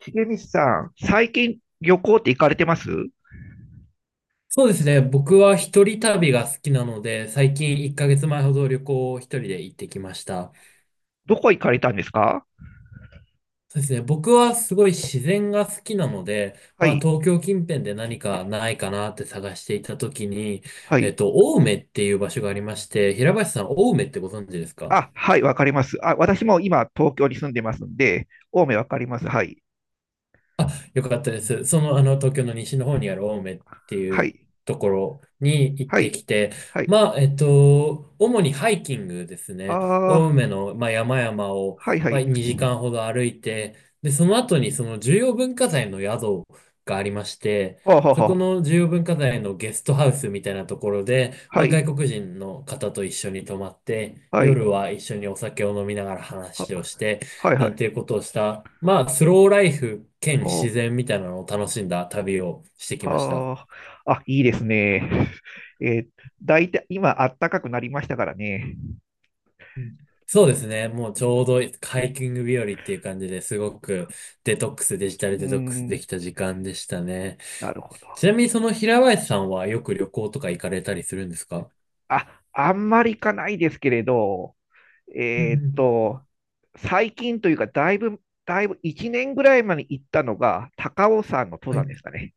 重光さん、最近旅行って行かれてます？そうですね。僕は一人旅が好きなので、最近1ヶ月前ほど旅行を一人で行ってきました。どこ行かれたんですか？そうですね。僕はすごい自然が好きなので、はまあい、東京近辺で何かないかなって探していたときに、はい。青梅っていう場所がありまして、平林さん、青梅ってご存知ですか？あ、はい、わかります。あ、私も今、東京に住んでますんで、青梅わかります。はい、あ、よかったです。東京の西の方にある青梅っていはうい、ところに行っはてい、きて、はい。まあ、主にハイキングですあね。青あ、梅の、まあ、山々を、はい、はまあ、い。2時間ほど歩いて、で、その後にその重要文化財の宿がありまして、はあ、はそあ、こはの重要文化財のゲストハウスみたいなところで、あ、まはあ、い、外国人の方と一緒に泊まって、はい、夜は一緒にお酒を飲みながら話をは、して、はい、なはんい。ていうことをした、まあ、スローライフ兼お、自然みたいなのを楽しんだ旅をしてきました。はあ、あ、いいですね。えー、だいたい今、暖かくなりましたからね。うん。そうですね。もうちょうどうハイん、キング日和っていう感じですごくデトックス、デジタうルーデトックスでん、きた時間でしたね。なるほちなど。みにその平林さんはよく旅行とか行かれたりするんですか？あ、あんまり行かないですけれど、うん。えーっうん。と、最近というか、だいぶ1年ぐらい前に行ったのが、高尾山の登は山い。ですかね。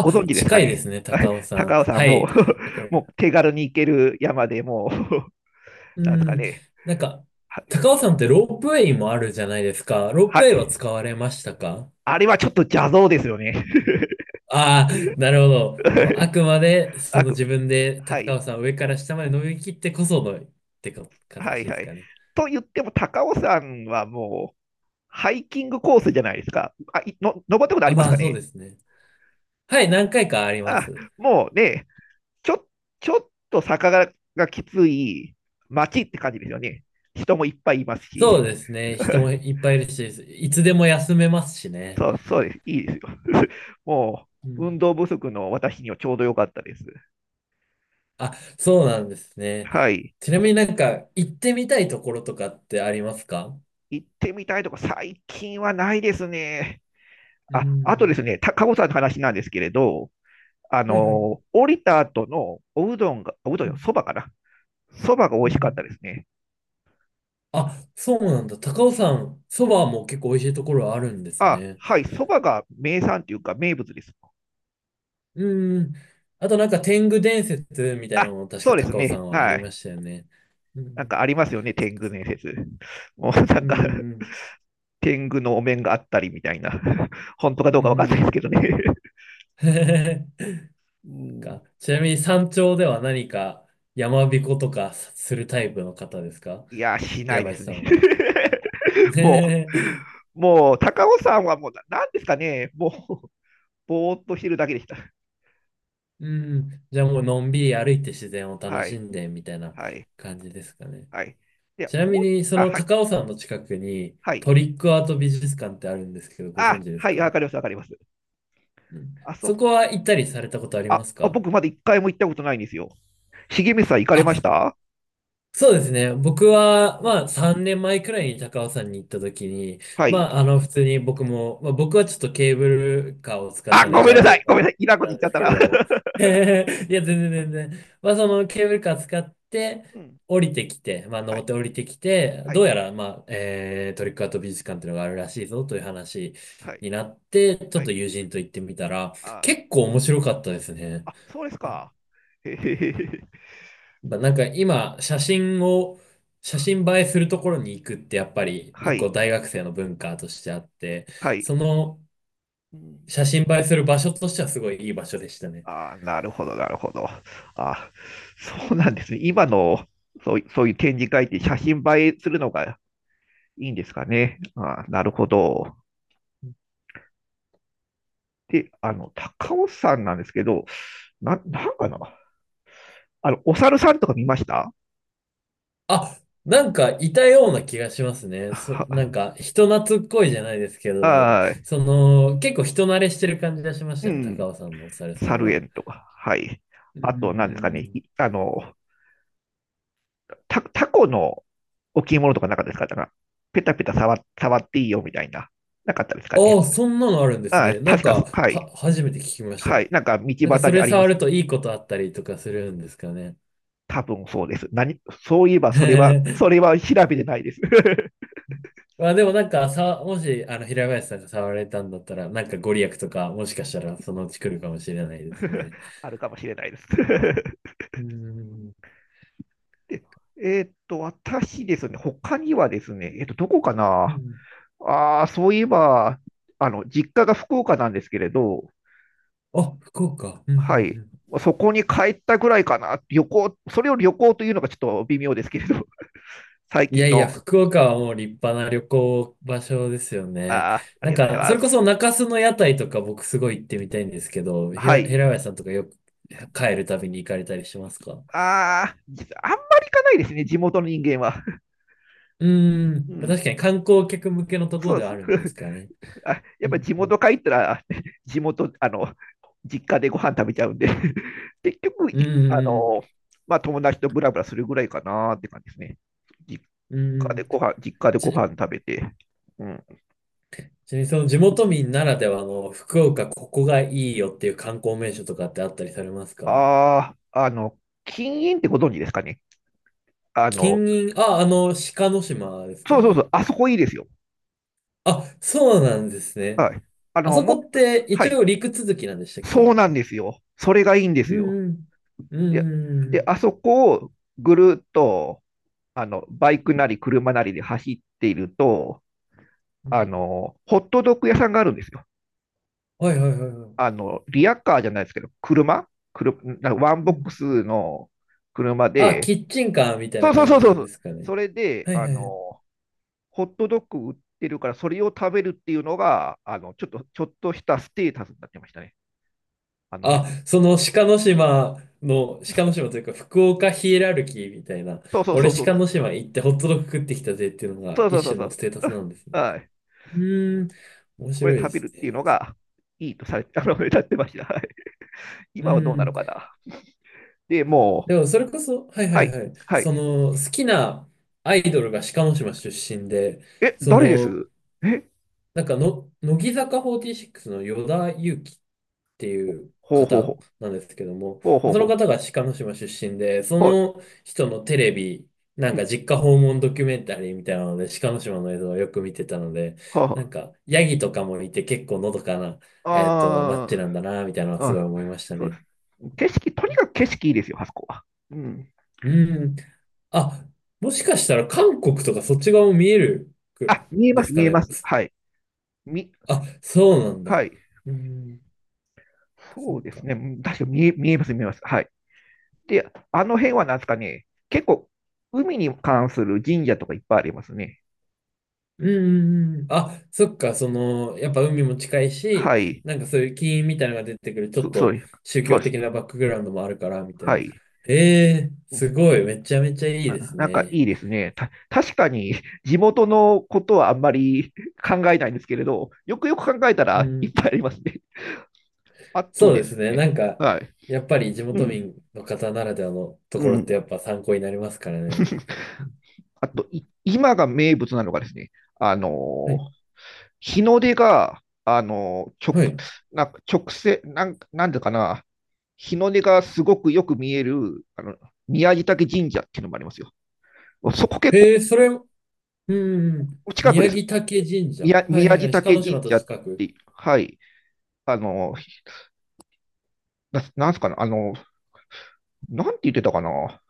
ご存知ですか近いでね？すね、高尾さん。高尾山はも、 い。わか もる。う手軽に行ける山でもう、 うなんですかん。ね。なんか、は、高尾さんってロープウェイもあるじゃないですか。ローはプウェイはい。使われましたか？あれはちょっと邪道ですよね。ああ、なるほど。もうあ くまでそあのく、自分では高い、尾さん上から下まで伸びきってこそのってかは形い、ではすい。かね。と言っても、高尾山はもう、ハイキングコースじゃないですか。登ったことああ、りまますかあそうね？ですね。はい、何回かありまあ、す。もうね、ちょ、ちょっと坂がきつい街って感じですよね。人もいっぱいいますし。そうですね。人も いっぱいいるし、いつでも休めますしね。そうです。いいですよ。もうう、ん。運動不足の私にはちょうど良かったです。あ、そうなんですね。はい。ちなみになんか行ってみたいところとかってありますか？行ってみたいとか、最近はないですね。うあ、あとでん。すね、たかごさんの話なんですけれど、あはい。はい。の降りた後のおうどんが、おうどんうよ、ん。そばかな。そばが美う味ん。うしかったん。ですね。あ、そうなんだ。高尾さん、そばも結構美味しいところあるんですあ、ね。はい、そばが名産というか名物です。うん。あとなんか天狗伝説みたいなのも確そかうです高尾さね。んはあはりまい。したよね。うなんかん。ありますよね、そっ天か狗そっ伝か。説。もうなんうか、ん。天狗のお面があったりみたいな。本当かどううかわかんないですけん。どね。うん、か、ちなみに山頂では何か山彦とかするタイプの方ですか、いや、しな平いで林すさね。んは？もねえ。う、もう、高尾さんはもう、なんですかね、もう、ぼーっとしてるだけでした。うん。じゃあもうのんびり歩いて自然を楽はしい、んでみたいなはい、感じですかね。はい。では、ちなみコーヒー、にそあ、のはい、高尾山の近くにはい。トリックアート美術館ってあるんですけど、ご存あ、知ですはい、わか？かります、わかります。うん。あ、そそ、こは行ったりされたことありますあか？僕まだ一回も行ったことないんですよ。重光さん行かれましあ、た？そうですね。僕は、まあ、3年前くらいに高尾山に行った時に、はい。まあ、あの、普通に僕も、まあ、僕はちょっとケーブルカーを使っあ、たんでごめん邪なさ道い、ごめんなさい。いらんことな言んっちでゃっすたけれな。ども、いや、全然全然。まあ、そのケーブルカー使って、うん。降りてきて、まあ、は登い。って降りてきて、はどうい。やら、まあ、トリックアート美術館っていうのがあるらしいぞという話はい。になって、ちょはっとい。友人と行ってみたら、あー、結構面白かったですね。あ、そうですか。へへへへ。まあなんか今、写真映えするところに行くってやっぱりは一個い。大学生の文化としてあって、はい。そのうん。写真映えする場所としてはすごいいい場所でしたね。あー、なるほど、なるほど。あー、そうなんですね。今の、そういう展示会って写真映えするのがいいんですかね。あー、なるほど。で、高尾山なんですけど、なんかな。お猿さんとか見ました？あ、なんかいたような気がしますね。なんは、か人懐っこいじゃないですけ ど、はい。その結構人慣れしてる感じがしましうたね、ん。高尾さんもおさるさん猿は。園とか。はい。うん。うあと、何ですかん。うね。ん。いあの、タコの置物とかなかったですか？ペタペタ触っていいよみたいな。なかったですかあね。あ、そんなのあるんですああ、ね。な確んかそ、か、はい。初めて聞きましはた。い。なんか、道なんか端そにれありま触するね。といいことあったりとかするんですかね。多分そうです。そういえば、それ は調べてないです。まあでもなんかさ、もしあの平林さんが触られたんだったら、なんかご利益とかもしかしたらそのうち来るかもしれないです ね。あるかもしれないです。うん。で、私ですね、他にはですね、どこかうな？ん。ああ、そういえば、実家が福岡なんですけれど、あ、福岡。うん。うん。はい。うん。そこに帰ったぐらいかな。旅行、それを旅行というのがちょっと微妙ですけれど、最い近やいや、の、福岡はもう立派な旅行場所ですよね。ああ、あなりんがとうごか、ざいそまれこそす。中洲の屋台とか僕すごい行ってみたいんですけど、は平い。林さんとかよく帰るたびに行かれたりしますか？ああ、実はあんまり行かないですね、地元の人間は。うー うん、ん。確かに観光客向けのところそうでではす。あるんですかね。あ、やっうぱん、地う元帰ったら、地元、あの、実家でご飯食べちゃうんで、 結局、いあん、の、まあ、友達とブラブラするぐらいかなって感じですね。実うん、うん。実家でごち、飯食べて、うん。ちなみにその地元民ならではの福岡ここがいいよっていう観光名所とかってあったりされますか？ああ、禁煙ってご存知ですかね。あの、金銀、あ、鹿の島ですかそうそうそね。う、あそこいいですよ。あ、そうなんですね。はい。ああの、そこも、っては一い。応陸続きなんでしたっそけ？うなんですよ。それがいいんですうよ。ん。うん。うで、ん。うん。うで、ん。あそこをぐるっと、バイクなり車なりで走っていると、うん。ホットドッグ屋さんがあるんですよ。はい。はい。はい。はい。リアカーじゃないですけど、車、車なんかワンボうックん。スの車あ、で、キッチンカーみたいそなうそう感そじうそでう、すかね。それで、はい。はい。はい。ホットドッグ売ってるから、それを食べるっていうのが、ちょっとしたステータスになってましたね。あの辺あ、で。その鹿の島というか福岡ヒエラルキーみたいな、そうそうそ俺うそう。鹿の島行ってホットドッグ食ってきたぜっていうのがそうそう一そう種そのう。ステータスな んですね。はい。うーん、面これ白いで食べするってね。いうのそがいいとされ、 歌ってました。はい。う今はどうなのん。かな。で、もう、でもそれこそ、はい。ははい。い。はい。はい。その好きなアイドルが鹿の島出身で、え、そ誰での、す？え、なんかの、乃木坂46の与田祐希っていうほうほうほ方う。なんですけども、ほうほまあうそのほ方が鹿の島出身で、そう。はの人のテレビ、い。なんうかん。実家訪問ドキュメンタリーみたいなので、鹿の島の映像をよく見てたので、なはんかヤギとかもいて結構のどかな、は街あ。なんだな、みたいなのはすあごーいあ、思いましたそうでね。す。景色、とにかく景色いいですよ、あそこは。うん。うん。あ、もしかしたら韓国とかそっち側も見えるくあ、見えでます、すか見えね？ます。はい。み、あ、そうなんはだ。い。うん、そっそうですね。うか。ん、確かに見えます、見えます。はい。で、あの辺はなんですかね、結構、海に関する神社とかいっぱいありますね。うん。うん。うん。あ、そっか、やっぱ海も近いはし、い。なんかそういう金みたいなのが出てくる、ちょっそうとです。宗そう教です。的なバックグラウンドもあるから、みたいはな。い。ええうすん。ごい、めちゃめちゃいいですなんかね。いいですね。確かに地元のことはあんまり、 考えないんですけれど、よくよく考えたうらいっん。ぱいありますね。あとそうでですすね、なね。んか、はい。やっぱり地う元ん。民の方ならではのとうころってん。やっぱ参考になりますからね。あと、今が名物なのがですね、あはのい。日の出が、はい。なんか直線、なんでかな、日の出がすごくよく見える、宮地嶽神社っていうのもありますよ。そこ結構へえ、うん。うん。近くで宮す。城竹神社。は宮、い。宮はい。地はい。鹿嶽の島神と社っ近く。て、はい。あの、なんすかな、なんて言ってたかな。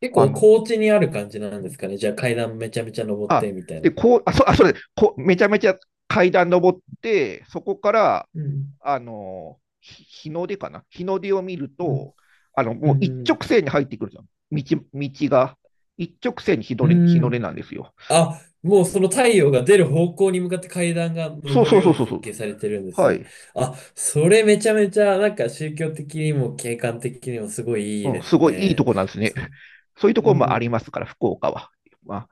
結あ構の、高地にある感じなんですかね。じゃあ階段めちゃめちゃ登っあ、てみたいで、な。そうです、こう、めちゃめちゃ階段登って、そこから、うん、日の出かな、日の出を見るうと、ん、うもう一ん、直線に入ってくるじゃん。道、道が。一直線に日うの出、ん。日うの出ん。なんですよ。あ、もうその太陽が出る方向に向かって階段がそう登そるうよそううにそうそ設う。計されてるんですはね。い。あ、それめちゃめちゃなんか宗教的にも景観的にもすごいいいうん、ですすごいいいね。とこなんですね。そ、そういうとうころもありん。ますから、福岡は。まあ、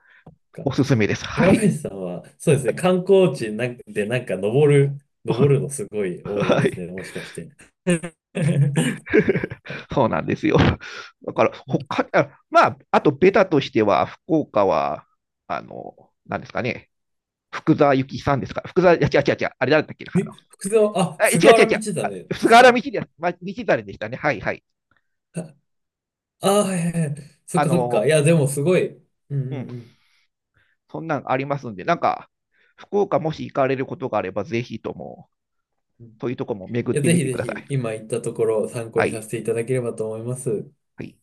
かおすすめです。は平い。林さんは、そうですね、観光地なんかでなんか登る、 のすごい多いはですい。ね、もしかして。そうなんですよ。だから、まあ、あとベタとしては、福岡は、なんですかね、福沢諭吉さんですか。福沢、いや、違う違う違う、あれ誰だっけな、え、福沢、あ、違う菅違う原道違う、あ、真で菅す原道か？真、道真でしたね。はいはい。あ あー、はい。はい。はい。そっあかそっの、か。いや、でもすごい。うん。うん。うん、うん。そんなんありますんで、なんか、福岡もし行かれることがあれば、ぜひとも、そういうとこも巡いっや、てぜみひてぜくださひ、い。今言ったところを参考はにさい。せていただければと思います。はい。